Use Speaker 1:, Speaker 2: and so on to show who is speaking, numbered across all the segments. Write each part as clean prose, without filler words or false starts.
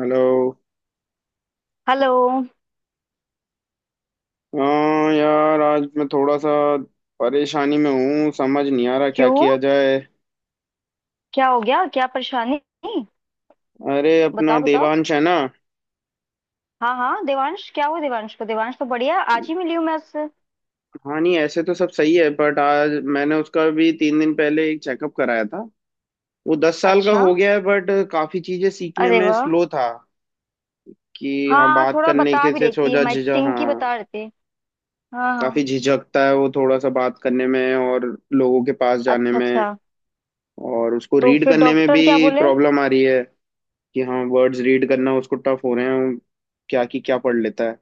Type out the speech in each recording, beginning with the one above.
Speaker 1: Hello.
Speaker 2: Hello.
Speaker 1: हाँ यार, आज मैं थोड़ा सा परेशानी में हूँ, समझ नहीं आ रहा क्या
Speaker 2: क्यों?
Speaker 1: किया जाए।
Speaker 2: क्या हो गया? क्या परेशानी?
Speaker 1: अरे अपना
Speaker 2: बताओ बताओ।
Speaker 1: देवांश है ना।
Speaker 2: हाँ हाँ, देवांश क्या हुआ? देवांश तो बढ़िया है, आज ही मिली हूँ मैं उससे।
Speaker 1: हाँ नहीं, ऐसे तो सब सही है बट आज मैंने उसका भी तीन दिन पहले एक चेकअप कराया था। वो दस साल का
Speaker 2: अच्छा,
Speaker 1: हो गया है बट काफी चीजें सीखने
Speaker 2: अरे
Speaker 1: में
Speaker 2: वाह।
Speaker 1: स्लो था कि
Speaker 2: हाँ
Speaker 1: हाँ
Speaker 2: हाँ,
Speaker 1: बात
Speaker 2: थोड़ा
Speaker 1: करने
Speaker 2: बता
Speaker 1: के
Speaker 2: भी
Speaker 1: से
Speaker 2: रही थी,
Speaker 1: सोचा
Speaker 2: हमारी
Speaker 1: झिझक
Speaker 2: चिंकी
Speaker 1: हाँ।
Speaker 2: बता रही थी। हाँ
Speaker 1: काफी
Speaker 2: हाँ।
Speaker 1: झिझकता है वो थोड़ा सा बात करने में और लोगों के पास जाने
Speaker 2: अच्छा
Speaker 1: में,
Speaker 2: अच्छा,
Speaker 1: और उसको
Speaker 2: तो
Speaker 1: रीड
Speaker 2: फिर
Speaker 1: करने में भी
Speaker 2: डॉक्टर क्या बोले?
Speaker 1: प्रॉब्लम आ रही है कि हाँ वर्ड्स रीड करना उसको टफ हो रहे हैं, क्या की क्या पढ़ लेता है।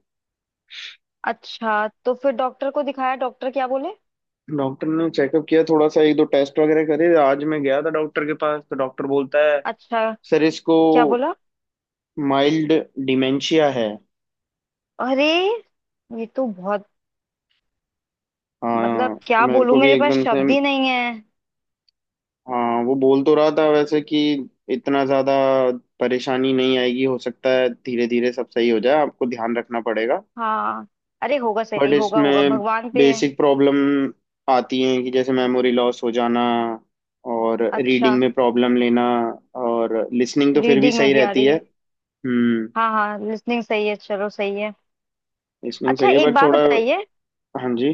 Speaker 2: अच्छा तो फिर डॉक्टर को दिखाया, डॉक्टर क्या बोले?
Speaker 1: डॉक्टर ने चेकअप किया थोड़ा सा, एक दो टेस्ट वगैरह करे। आज मैं गया था डॉक्टर के पास तो डॉक्टर बोलता है
Speaker 2: अच्छा,
Speaker 1: सर इसको
Speaker 2: क्या बोला?
Speaker 1: माइल्ड डिमेंशिया है।
Speaker 2: अरे, ये तो बहुत... मतलब
Speaker 1: हाँ,
Speaker 2: क्या
Speaker 1: मेरे
Speaker 2: बोलूं,
Speaker 1: को भी
Speaker 2: मेरे पास
Speaker 1: एकदम से।
Speaker 2: शब्द ही नहीं है।
Speaker 1: हाँ वो बोल तो रहा था वैसे कि इतना ज्यादा परेशानी नहीं आएगी, हो सकता है धीरे धीरे सब सही हो जाए, आपको ध्यान रखना पड़ेगा।
Speaker 2: हाँ, अरे होगा,
Speaker 1: बट
Speaker 2: सही होगा, होगा,
Speaker 1: इसमें
Speaker 2: भगवान पे है।
Speaker 1: बेसिक प्रॉब्लम आती हैं कि जैसे मेमोरी लॉस हो जाना और
Speaker 2: अच्छा,
Speaker 1: रीडिंग में प्रॉब्लम लेना, और लिसनिंग तो फिर भी
Speaker 2: रीडिंग में
Speaker 1: सही
Speaker 2: भी आ
Speaker 1: रहती
Speaker 2: रही
Speaker 1: है।
Speaker 2: है?
Speaker 1: हम्म।
Speaker 2: हाँ हाँ, लिसनिंग सही है, चलो सही है।
Speaker 1: लिसनिंग
Speaker 2: अच्छा
Speaker 1: सही है
Speaker 2: एक
Speaker 1: बट
Speaker 2: बात
Speaker 1: थोड़ा।
Speaker 2: बताइए,
Speaker 1: हाँ जी।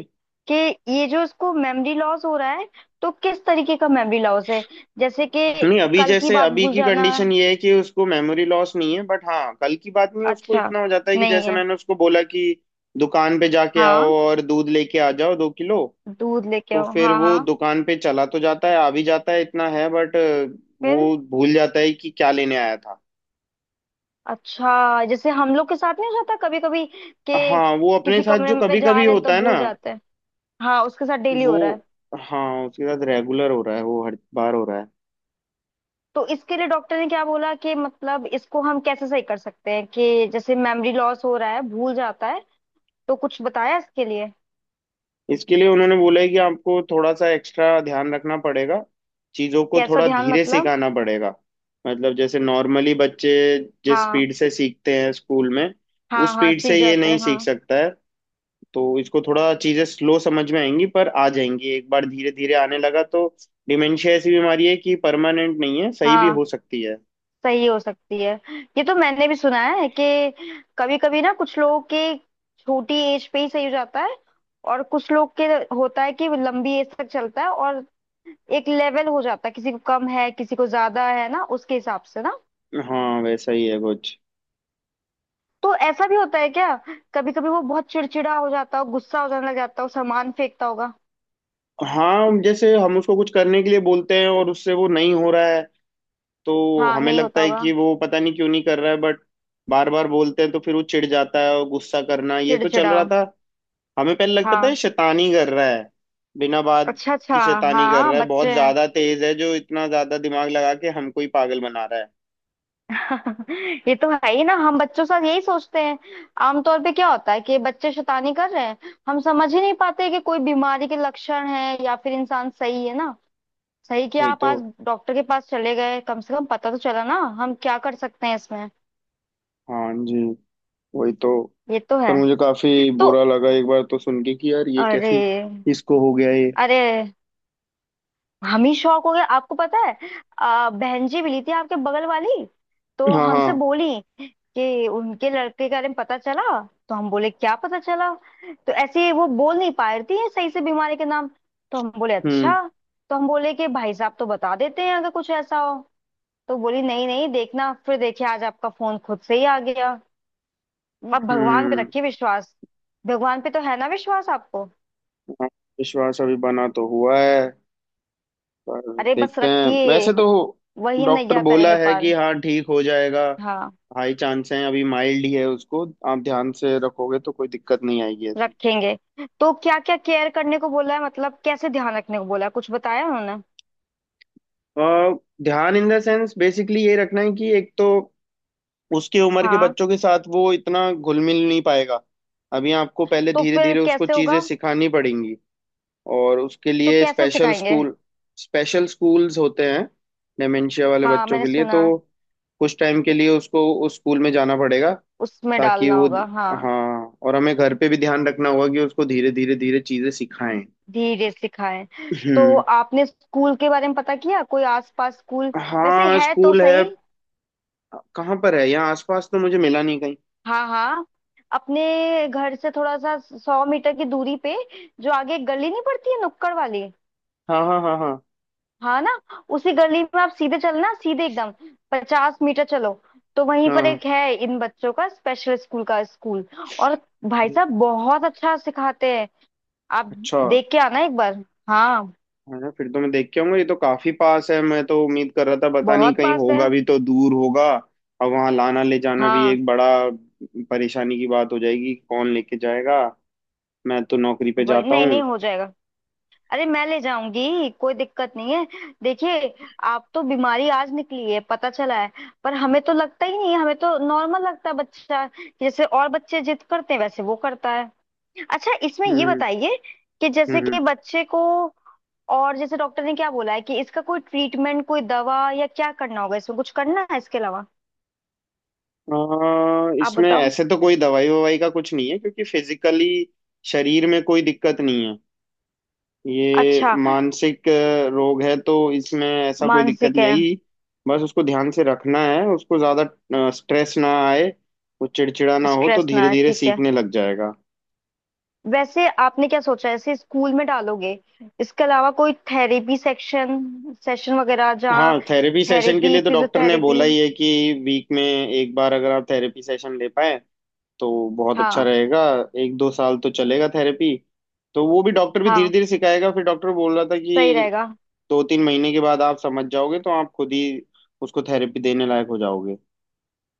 Speaker 2: कि ये जो इसको मेमोरी लॉस हो रहा है, तो किस तरीके का मेमोरी लॉस है? जैसे कि
Speaker 1: नहीं अभी
Speaker 2: कल की
Speaker 1: जैसे
Speaker 2: बात
Speaker 1: अभी
Speaker 2: भूल
Speaker 1: की
Speaker 2: जाना?
Speaker 1: कंडीशन ये है कि उसको मेमोरी लॉस नहीं है बट हाँ कल की बात नहीं है, उसको
Speaker 2: अच्छा,
Speaker 1: इतना हो जाता है कि
Speaker 2: नहीं
Speaker 1: जैसे
Speaker 2: है।
Speaker 1: मैंने उसको बोला कि दुकान पे जाके आओ
Speaker 2: हाँ,
Speaker 1: और दूध लेके आ जाओ दो किलो,
Speaker 2: दूध लेके
Speaker 1: तो
Speaker 2: आओ,
Speaker 1: फिर
Speaker 2: हाँ
Speaker 1: वो
Speaker 2: हाँ।
Speaker 1: दुकान पे चला तो जाता है, आ भी जाता है, इतना है बट
Speaker 2: फिर?
Speaker 1: वो भूल जाता है कि क्या लेने आया था।
Speaker 2: अच्छा जैसे हम लोग के साथ नहीं हो जाता कभी कभी, कि
Speaker 1: हाँ वो अपने
Speaker 2: किसी
Speaker 1: साथ
Speaker 2: कमरे
Speaker 1: जो
Speaker 2: में
Speaker 1: कभी
Speaker 2: जा
Speaker 1: कभी
Speaker 2: रहे हैं तो
Speaker 1: होता है ना
Speaker 2: भूल जाते हैं? हाँ उसके साथ डेली
Speaker 1: वो।
Speaker 2: हो रहा है।
Speaker 1: हाँ उसके साथ रेगुलर हो रहा है, वो हर बार हो रहा है।
Speaker 2: तो इसके लिए डॉक्टर ने क्या बोला, कि मतलब इसको हम कैसे सही कर सकते हैं, कि जैसे मेमोरी लॉस हो रहा है, भूल जाता है, तो कुछ बताया इसके लिए?
Speaker 1: इसके लिए उन्होंने बोला है कि आपको थोड़ा सा एक्स्ट्रा ध्यान रखना पड़ेगा, चीज़ों को
Speaker 2: कैसा
Speaker 1: थोड़ा
Speaker 2: ध्यान,
Speaker 1: धीरे
Speaker 2: मतलब?
Speaker 1: सिखाना पड़ेगा। मतलब जैसे नॉर्मली बच्चे जिस
Speaker 2: हाँ,
Speaker 1: स्पीड से सीखते हैं स्कूल में, उस
Speaker 2: हाँ हाँ
Speaker 1: स्पीड से
Speaker 2: सीख
Speaker 1: ये
Speaker 2: जाते
Speaker 1: नहीं
Speaker 2: हैं
Speaker 1: सीख
Speaker 2: हाँ।
Speaker 1: सकता है, तो इसको थोड़ा चीजें स्लो समझ में आएंगी पर आ जाएंगी, एक बार धीरे धीरे आने लगा तो। डिमेंशिया ऐसी बीमारी है कि परमानेंट नहीं है, सही भी
Speaker 2: हाँ,
Speaker 1: हो सकती है।
Speaker 2: सही हो सकती है। ये तो मैंने भी सुना है, कि कभी कभी ना कुछ लोगों के छोटी एज पे ही सही हो जाता है, और कुछ लोग के होता है कि वो लंबी एज तक चलता है, और एक लेवल हो जाता है, किसी को कम है किसी को ज्यादा है ना, उसके हिसाब से ना।
Speaker 1: हाँ वैसा ही है कुछ।
Speaker 2: तो ऐसा भी होता है क्या, कभी कभी वो बहुत चिड़चिड़ा हो जाता हो, गुस्सा हो जाने लग जाता हो, सामान फेंकता होगा?
Speaker 1: हाँ जैसे हम उसको कुछ करने के लिए बोलते हैं और उससे वो नहीं हो रहा है, तो
Speaker 2: हाँ,
Speaker 1: हमें
Speaker 2: नहीं
Speaker 1: लगता
Speaker 2: होता
Speaker 1: है
Speaker 2: होगा।
Speaker 1: कि वो पता नहीं क्यों नहीं कर रहा है, बट बार बार बोलते हैं तो फिर वो चिढ़ जाता है, और गुस्सा करना ये तो चल
Speaker 2: चिड़चिड़ा।
Speaker 1: रहा था। हमें पहले लगता था ये
Speaker 2: हाँ,
Speaker 1: शैतानी कर रहा है, बिना बात
Speaker 2: अच्छा अच्छा।
Speaker 1: की शैतानी कर
Speaker 2: हाँ
Speaker 1: रहा है, बहुत
Speaker 2: बच्चे हैं।
Speaker 1: ज्यादा तेज है जो इतना ज्यादा दिमाग लगा के हमको ही पागल बना रहा है।
Speaker 2: ये तो है ही ना, हम बच्चों के साथ यही सोचते हैं आमतौर पे, क्या होता है कि बच्चे शैतानी कर रहे हैं। हम समझ ही नहीं पाते कि कोई बीमारी के लक्षण है या फिर इंसान सही है ना। सही कि
Speaker 1: वही
Speaker 2: आप
Speaker 1: तो।
Speaker 2: आज डॉक्टर के पास चले गए, कम से कम पता तो चला ना। हम क्या कर सकते हैं इसमें।
Speaker 1: हाँ जी। वही तो।
Speaker 2: ये तो
Speaker 1: पर
Speaker 2: है।
Speaker 1: मुझे काफी
Speaker 2: तो
Speaker 1: बुरा लगा एक बार तो सुन के कि यार ये
Speaker 2: अरे,
Speaker 1: कैसी इसको हो गया ये।
Speaker 2: अरे, हम ही शौक हो गए, आपको पता है? बहन जी मिली थी, आपके बगल वाली। तो
Speaker 1: हाँ
Speaker 2: हमसे
Speaker 1: हाँ।
Speaker 2: बोली कि उनके लड़के के बारे में पता चला। तो हम बोले क्या पता चला? तो ऐसे ही वो बोल नहीं पा रही थी सही से बीमारी के नाम। तो हम बोले
Speaker 1: हम्म
Speaker 2: अच्छा। तो हम बोले कि भाई साहब, तो बता देते हैं अगर कुछ ऐसा हो। तो बोली नहीं नहीं, देखना, फिर देखिए आज आपका फोन खुद से ही आ गया। अब भगवान पे
Speaker 1: हम्म।
Speaker 2: रखिए विश्वास। भगवान पे तो है ना विश्वास आपको?
Speaker 1: हाँ, विश्वास अभी बना तो हुआ है, पर
Speaker 2: अरे बस
Speaker 1: देखते हैं
Speaker 2: रखिए,
Speaker 1: वैसे तो।
Speaker 2: वही
Speaker 1: डॉक्टर
Speaker 2: नैया
Speaker 1: बोला
Speaker 2: करेंगे
Speaker 1: है कि
Speaker 2: पार।
Speaker 1: हाँ ठीक हो जाएगा,
Speaker 2: हाँ,
Speaker 1: हाई चांस है, अभी माइल्ड ही है उसको, आप ध्यान से रखोगे तो कोई दिक्कत नहीं आएगी ऐसी।
Speaker 2: रखेंगे। तो क्या क्या केयर करने को बोला है, मतलब कैसे ध्यान रखने को बोला है, कुछ बताया उन्होंने?
Speaker 1: अ, ध्यान इन द सेंस बेसिकली ये रखना है कि एक तो उसकी उम्र के
Speaker 2: हाँ,
Speaker 1: बच्चों के साथ वो इतना घुल मिल नहीं पाएगा, अभी आपको पहले
Speaker 2: तो
Speaker 1: धीरे
Speaker 2: फिर
Speaker 1: धीरे उसको
Speaker 2: कैसे
Speaker 1: चीजें
Speaker 2: होगा?
Speaker 1: सिखानी पड़ेंगी, और उसके
Speaker 2: तो
Speaker 1: लिए
Speaker 2: कैसे
Speaker 1: स्पेशल
Speaker 2: सिखाएंगे?
Speaker 1: स्कूल। स्पेशल स्कूल्स होते हैं डेमेंशिया वाले
Speaker 2: हाँ
Speaker 1: बच्चों
Speaker 2: मैंने
Speaker 1: के लिए, तो
Speaker 2: सुना है,
Speaker 1: कुछ टाइम के लिए उसको उस स्कूल में जाना पड़ेगा
Speaker 2: उसमें
Speaker 1: ताकि
Speaker 2: डालना
Speaker 1: वो।
Speaker 2: होगा हाँ।
Speaker 1: हाँ, और हमें घर पे भी ध्यान रखना होगा कि उसको धीरे धीरे धीरे चीजें सिखाएं।
Speaker 2: धीरे सिखाएं। तो
Speaker 1: हम्म।
Speaker 2: आपने स्कूल के बारे में पता किया, कोई आसपास स्कूल? वैसे
Speaker 1: हाँ
Speaker 2: है तो
Speaker 1: स्कूल है,
Speaker 2: सही।
Speaker 1: कहाँ पर है? यहाँ आसपास तो मुझे मिला नहीं कहीं।
Speaker 2: हाँ हाँ, अपने घर से थोड़ा सा सौ मीटर की दूरी पे, जो आगे एक गली नहीं पड़ती है नुक्कड़ वाली,
Speaker 1: हाँ हाँ हाँ हाँ।
Speaker 2: हाँ ना, उसी गली में आप सीधे चलना, सीधे एकदम पचास मीटर चलो, तो वहीं पर
Speaker 1: हाँ।
Speaker 2: एक है, इन बच्चों का स्पेशल स्कूल का स्कूल। और भाई
Speaker 1: अरे,
Speaker 2: साहब बहुत अच्छा सिखाते हैं। आप
Speaker 1: अच्छा
Speaker 2: देख के आना एक बार। हाँ
Speaker 1: अच्छा, फिर तो मैं देख के आऊंगा, ये तो काफी पास है, मैं तो उम्मीद कर रहा था पता नहीं
Speaker 2: बहुत
Speaker 1: कहीं
Speaker 2: पास है।
Speaker 1: होगा भी तो दूर होगा। और वहां लाना ले जाना भी
Speaker 2: हाँ
Speaker 1: एक बड़ा परेशानी की बात हो जाएगी, कौन लेके जाएगा, मैं तो नौकरी पे
Speaker 2: वही,
Speaker 1: जाता
Speaker 2: नहीं
Speaker 1: हूँ।
Speaker 2: नहीं हो जाएगा। अरे मैं ले जाऊंगी, कोई दिक्कत नहीं है। देखिए, आप तो बीमारी आज निकली है, पता चला है। पर हमें तो लगता ही नहीं है, हमें तो नॉर्मल लगता है बच्चा। जैसे और बच्चे जिद करते हैं वैसे वो करता है। अच्छा इसमें ये
Speaker 1: हम्म।
Speaker 2: बताइए, कि
Speaker 1: हम्म।
Speaker 2: जैसे
Speaker 1: हम्म।
Speaker 2: कि बच्चे को, और जैसे डॉक्टर ने क्या बोला है, कि इसका कोई ट्रीटमेंट, कोई दवा, या क्या करना होगा, इसमें कुछ करना है इसके अलावा? आप
Speaker 1: इसमें
Speaker 2: बताओ।
Speaker 1: ऐसे तो कोई दवाई ववाई का कुछ नहीं है, क्योंकि फिजिकली शरीर में कोई दिक्कत नहीं है। ये
Speaker 2: अच्छा,
Speaker 1: मानसिक रोग है तो इसमें ऐसा कोई दिक्कत
Speaker 2: मानसिक
Speaker 1: नहीं
Speaker 2: है।
Speaker 1: आएगी, बस उसको ध्यान से रखना है, उसको ज्यादा स्ट्रेस ना आए, वो चिड़चिड़ा ना हो, तो
Speaker 2: स्ट्रेस ना,
Speaker 1: धीरे
Speaker 2: है
Speaker 1: धीरे
Speaker 2: ठीक है।
Speaker 1: सीखने लग जाएगा।
Speaker 2: वैसे आपने क्या सोचा है, इसे स्कूल में डालोगे? इसके अलावा कोई थेरेपी सेक्शन, सेशन वगैरह जहाँ?
Speaker 1: हाँ थेरेपी सेशन के
Speaker 2: थेरेपी,
Speaker 1: लिए तो डॉक्टर ने
Speaker 2: फिजियोथेरेपी।
Speaker 1: बोला ही है कि वीक में एक बार अगर आप थेरेपी सेशन ले पाए तो बहुत अच्छा
Speaker 2: हाँ,
Speaker 1: रहेगा। एक दो साल तो चलेगा थेरेपी, तो वो भी डॉक्टर भी धीरे
Speaker 2: हाँ
Speaker 1: धीरे सिखाएगा। फिर डॉक्टर बोल रहा था
Speaker 2: सही
Speaker 1: कि
Speaker 2: रहेगा।
Speaker 1: दो तीन महीने के बाद आप समझ जाओगे तो आप खुद ही उसको थेरेपी देने लायक हो जाओगे।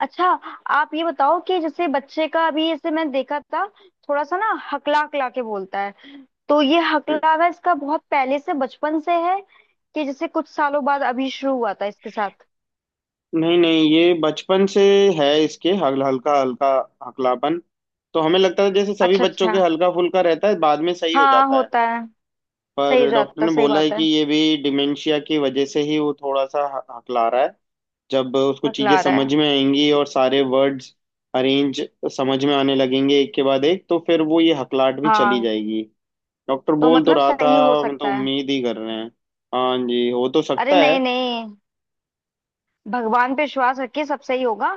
Speaker 2: अच्छा आप ये बताओ कि जैसे बच्चे का अभी, जैसे मैंने देखा था, थोड़ा सा ना हकला हकला के बोलता है। तो ये हकलावा इसका बहुत पहले से बचपन से है, कि जैसे कुछ सालों बाद अभी शुरू हुआ था इसके साथ?
Speaker 1: नहीं नहीं, ये बचपन से है इसके हल्का हल्का हकलापन, तो हमें लगता था जैसे सभी
Speaker 2: अच्छा
Speaker 1: बच्चों के
Speaker 2: अच्छा,
Speaker 1: हल्का फुल्का रहता है, बाद में सही हो
Speaker 2: हाँ
Speaker 1: जाता है।
Speaker 2: होता है। सही हो
Speaker 1: पर डॉक्टर
Speaker 2: जाता,
Speaker 1: ने
Speaker 2: सही
Speaker 1: बोला है
Speaker 2: बात है।
Speaker 1: कि ये भी डिमेंशिया की वजह से ही वो थोड़ा सा हकला रहा है। जब उसको चीजें
Speaker 2: हकला रहा
Speaker 1: समझ
Speaker 2: है।
Speaker 1: में आएंगी और सारे वर्ड्स अरेंज समझ में आने लगेंगे एक के बाद एक, तो फिर वो ये हकलाहट भी चली
Speaker 2: हाँ,
Speaker 1: जाएगी, डॉक्टर
Speaker 2: तो
Speaker 1: बोल तो
Speaker 2: मतलब
Speaker 1: रहा था।
Speaker 2: सही हो
Speaker 1: हम तो
Speaker 2: सकता है।
Speaker 1: उम्मीद ही कर रहे हैं, हाँ जी हो तो
Speaker 2: अरे
Speaker 1: सकता है।
Speaker 2: नहीं नहीं, भगवान पे विश्वास रखिए, सब सही होगा।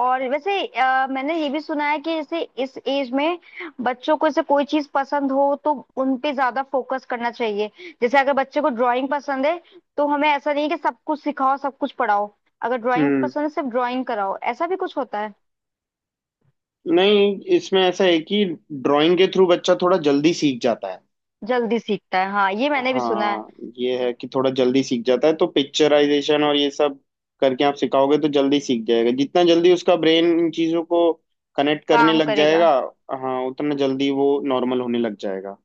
Speaker 2: और वैसे मैंने ये भी सुना है, कि जैसे इस एज में बच्चों को, जैसे कोई चीज पसंद हो, तो उन पे ज्यादा फोकस करना चाहिए। जैसे अगर बच्चे को ड्राइंग पसंद है, तो हमें ऐसा नहीं कि सब कुछ सिखाओ, सब कुछ पढ़ाओ। अगर ड्राइंग
Speaker 1: हम्म।
Speaker 2: पसंद है, सिर्फ ड्राइंग कराओ, ऐसा भी कुछ होता है?
Speaker 1: नहीं इसमें ऐसा है कि ड्राइंग के थ्रू बच्चा थोड़ा जल्दी सीख जाता है।
Speaker 2: जल्दी सीखता है हाँ, ये मैंने भी सुना है।
Speaker 1: हाँ ये है कि थोड़ा जल्दी सीख जाता है, तो पिक्चराइजेशन और ये सब करके आप सिखाओगे तो जल्दी सीख जाएगा, जितना जल्दी उसका ब्रेन इन चीजों को कनेक्ट करने
Speaker 2: काम
Speaker 1: लग
Speaker 2: करेगा।
Speaker 1: जाएगा, हाँ उतना जल्दी वो नॉर्मल होने लग जाएगा।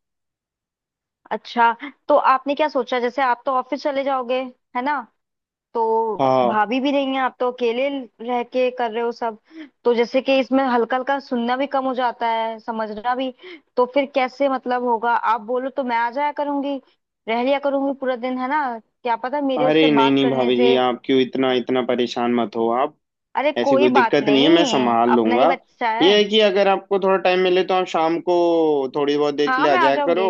Speaker 2: अच्छा, तो आपने क्या सोचा, जैसे आप तो ऑफिस चले जाओगे, है ना? तो
Speaker 1: हाँ।
Speaker 2: भाभी भी नहीं है, आप तो अकेले रह के कर रहे हो सब। तो जैसे कि इसमें हल्का हल्का सुनना भी कम हो जाता है, समझना भी। तो फिर कैसे मतलब होगा? आप बोलो तो मैं आ जाया करूंगी, रह लिया करूंगी पूरा दिन, है ना, क्या पता मेरे उससे
Speaker 1: अरे नहीं
Speaker 2: बात
Speaker 1: नहीं
Speaker 2: करने
Speaker 1: भाभी जी,
Speaker 2: से।
Speaker 1: आप क्यों इतना इतना परेशान मत हो आप,
Speaker 2: अरे
Speaker 1: ऐसी
Speaker 2: कोई
Speaker 1: कोई
Speaker 2: बात
Speaker 1: दिक्कत नहीं है, मैं
Speaker 2: नहीं,
Speaker 1: संभाल
Speaker 2: अपना ही
Speaker 1: लूंगा।
Speaker 2: बच्चा है।
Speaker 1: ये है कि अगर आपको थोड़ा टाइम मिले तो आप शाम को थोड़ी बहुत देर के
Speaker 2: हाँ
Speaker 1: लिए आ
Speaker 2: मैं आ
Speaker 1: जाया करो,
Speaker 2: जाऊंगी,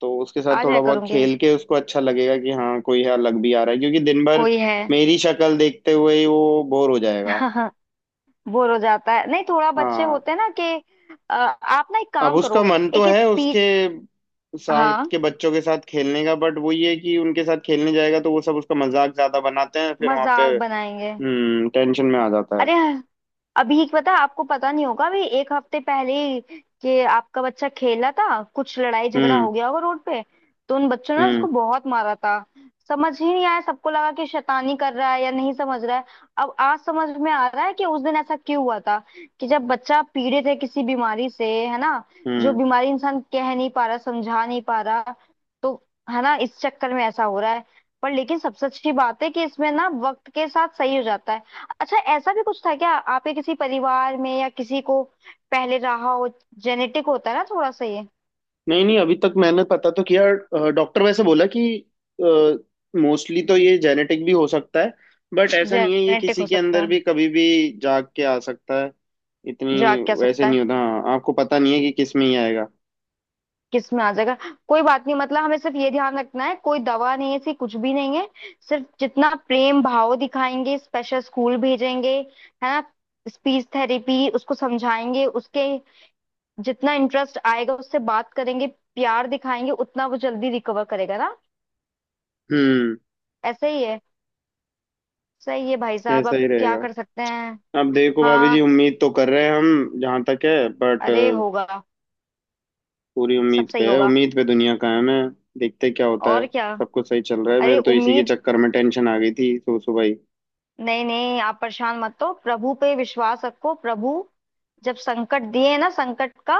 Speaker 1: तो उसके साथ
Speaker 2: आ
Speaker 1: थोड़ा
Speaker 2: जाया
Speaker 1: बहुत
Speaker 2: करूंगी।
Speaker 1: खेल के उसको अच्छा लगेगा कि हाँ कोई है अलग भी आ रहा है, क्योंकि दिन भर
Speaker 2: कोई है।
Speaker 1: मेरी शक्ल देखते हुए ही वो बोर हो जाएगा।
Speaker 2: बोर हो जाता है? नहीं, थोड़ा बच्चे
Speaker 1: हाँ,
Speaker 2: होते हैं ना कि... आप ना एक
Speaker 1: अब
Speaker 2: काम
Speaker 1: उसका
Speaker 2: करो।
Speaker 1: मन तो
Speaker 2: एक
Speaker 1: है
Speaker 2: स्पीच।
Speaker 1: उसके साथ
Speaker 2: हाँ,
Speaker 1: के बच्चों के साथ खेलने का, बट वो ये है कि उनके साथ खेलने जाएगा तो वो सब उसका मजाक ज्यादा बनाते हैं, फिर वहां पे
Speaker 2: मजाक बनाएंगे।
Speaker 1: टेंशन में आ जाता है।
Speaker 2: अरे, अभी पता, आपको पता नहीं होगा, अभी एक हफ्ते पहले ही, कि आपका बच्चा खेला था, कुछ लड़ाई झगड़ा
Speaker 1: हम्म।
Speaker 2: हो गया होगा रोड पे। तो उन बच्चों ने उसको
Speaker 1: हम्म।
Speaker 2: बहुत मारा था। समझ ही नहीं आया, सबको लगा कि शैतानी कर रहा है या नहीं समझ रहा है। अब आज समझ में आ रहा है कि उस दिन ऐसा क्यों हुआ था। कि जब बच्चा पीड़ित है किसी बीमारी से, है ना, जो
Speaker 1: हम्म।
Speaker 2: बीमारी इंसान कह नहीं पा रहा, समझा नहीं पा रहा, तो, है ना, इस चक्कर में ऐसा हो रहा है। पर लेकिन सबसे अच्छी बात है कि इसमें ना वक्त के साथ सही हो जाता है। अच्छा, ऐसा भी कुछ था क्या आपके किसी परिवार में, या किसी को पहले रहा हो? जेनेटिक होता है ना थोड़ा सा ये।
Speaker 1: नहीं नहीं अभी तक मैंने पता तो किया, डॉक्टर वैसे बोला कि मोस्टली तो ये जेनेटिक भी हो सकता है, बट ऐसा नहीं है, ये
Speaker 2: जेनेटिक
Speaker 1: किसी
Speaker 2: हो
Speaker 1: के
Speaker 2: सकता
Speaker 1: अंदर
Speaker 2: है।
Speaker 1: भी कभी भी जाग के आ सकता है,
Speaker 2: जाग
Speaker 1: इतनी
Speaker 2: क्या
Speaker 1: वैसे
Speaker 2: सकता है?
Speaker 1: नहीं होता। हाँ आपको पता नहीं है कि किस में ही आएगा।
Speaker 2: किस में आ जाएगा? कोई बात नहीं, मतलब हमें सिर्फ ये ध्यान रखना है, कोई दवा नहीं है, ऐसी कुछ भी नहीं है, सिर्फ जितना प्रेम भाव दिखाएंगे, स्पेशल स्कूल भेजेंगे, है ना, स्पीच थेरेपी उसको समझाएंगे, उसके जितना इंटरेस्ट आएगा उससे बात करेंगे, प्यार दिखाएंगे, उतना वो जल्दी रिकवर करेगा ना।
Speaker 1: हम्म।
Speaker 2: ऐसे ही है। सही है भाई साहब,
Speaker 1: ऐसा
Speaker 2: अब
Speaker 1: ही
Speaker 2: क्या
Speaker 1: रहेगा।
Speaker 2: कर सकते हैं।
Speaker 1: अब देखो भाभी
Speaker 2: हाँ
Speaker 1: जी उम्मीद तो कर रहे हैं हम जहाँ तक है बट,
Speaker 2: अरे, होगा,
Speaker 1: पूरी
Speaker 2: सब
Speaker 1: उम्मीद
Speaker 2: सही
Speaker 1: पे है,
Speaker 2: होगा।
Speaker 1: उम्मीद पे दुनिया कायम है, देखते क्या होता है।
Speaker 2: और क्या।
Speaker 1: सब कुछ सही चल रहा है,
Speaker 2: अरे
Speaker 1: मेरे तो इसी के
Speaker 2: उम्मीद,
Speaker 1: चक्कर में टेंशन आ गई थी सुबह सुबह ही।
Speaker 2: नहीं नहीं आप परेशान मत हो, प्रभु पे विश्वास रखो। प्रभु जब संकट दिए ना, संकट का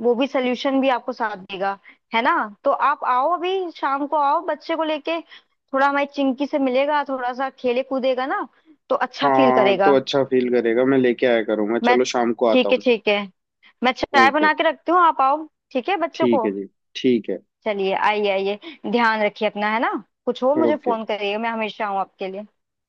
Speaker 2: वो भी सल्यूशन भी आपको साथ देगा, है ना? तो आप आओ अभी शाम को, आओ बच्चे को लेके, थोड़ा हमारी चिंकी से मिलेगा, थोड़ा सा खेले कूदेगा ना, तो अच्छा फील
Speaker 1: हाँ तो
Speaker 2: करेगा।
Speaker 1: अच्छा फील करेगा, मैं लेके आया करूँगा,
Speaker 2: मैं,
Speaker 1: चलो शाम को आता
Speaker 2: ठीक है
Speaker 1: हूँ।
Speaker 2: ठीक है, मैं चाय
Speaker 1: ओके।
Speaker 2: बना के रखती हूँ, आप आओ। ठीक है, बच्चे
Speaker 1: ठीक
Speaker 2: को
Speaker 1: है जी, ठीक है।
Speaker 2: चलिए, आइए आइए। ध्यान रखिए, अपना है ना। कुछ हो मुझे
Speaker 1: ओके।
Speaker 2: फोन करिएगा, मैं हमेशा हूँ आपके लिए।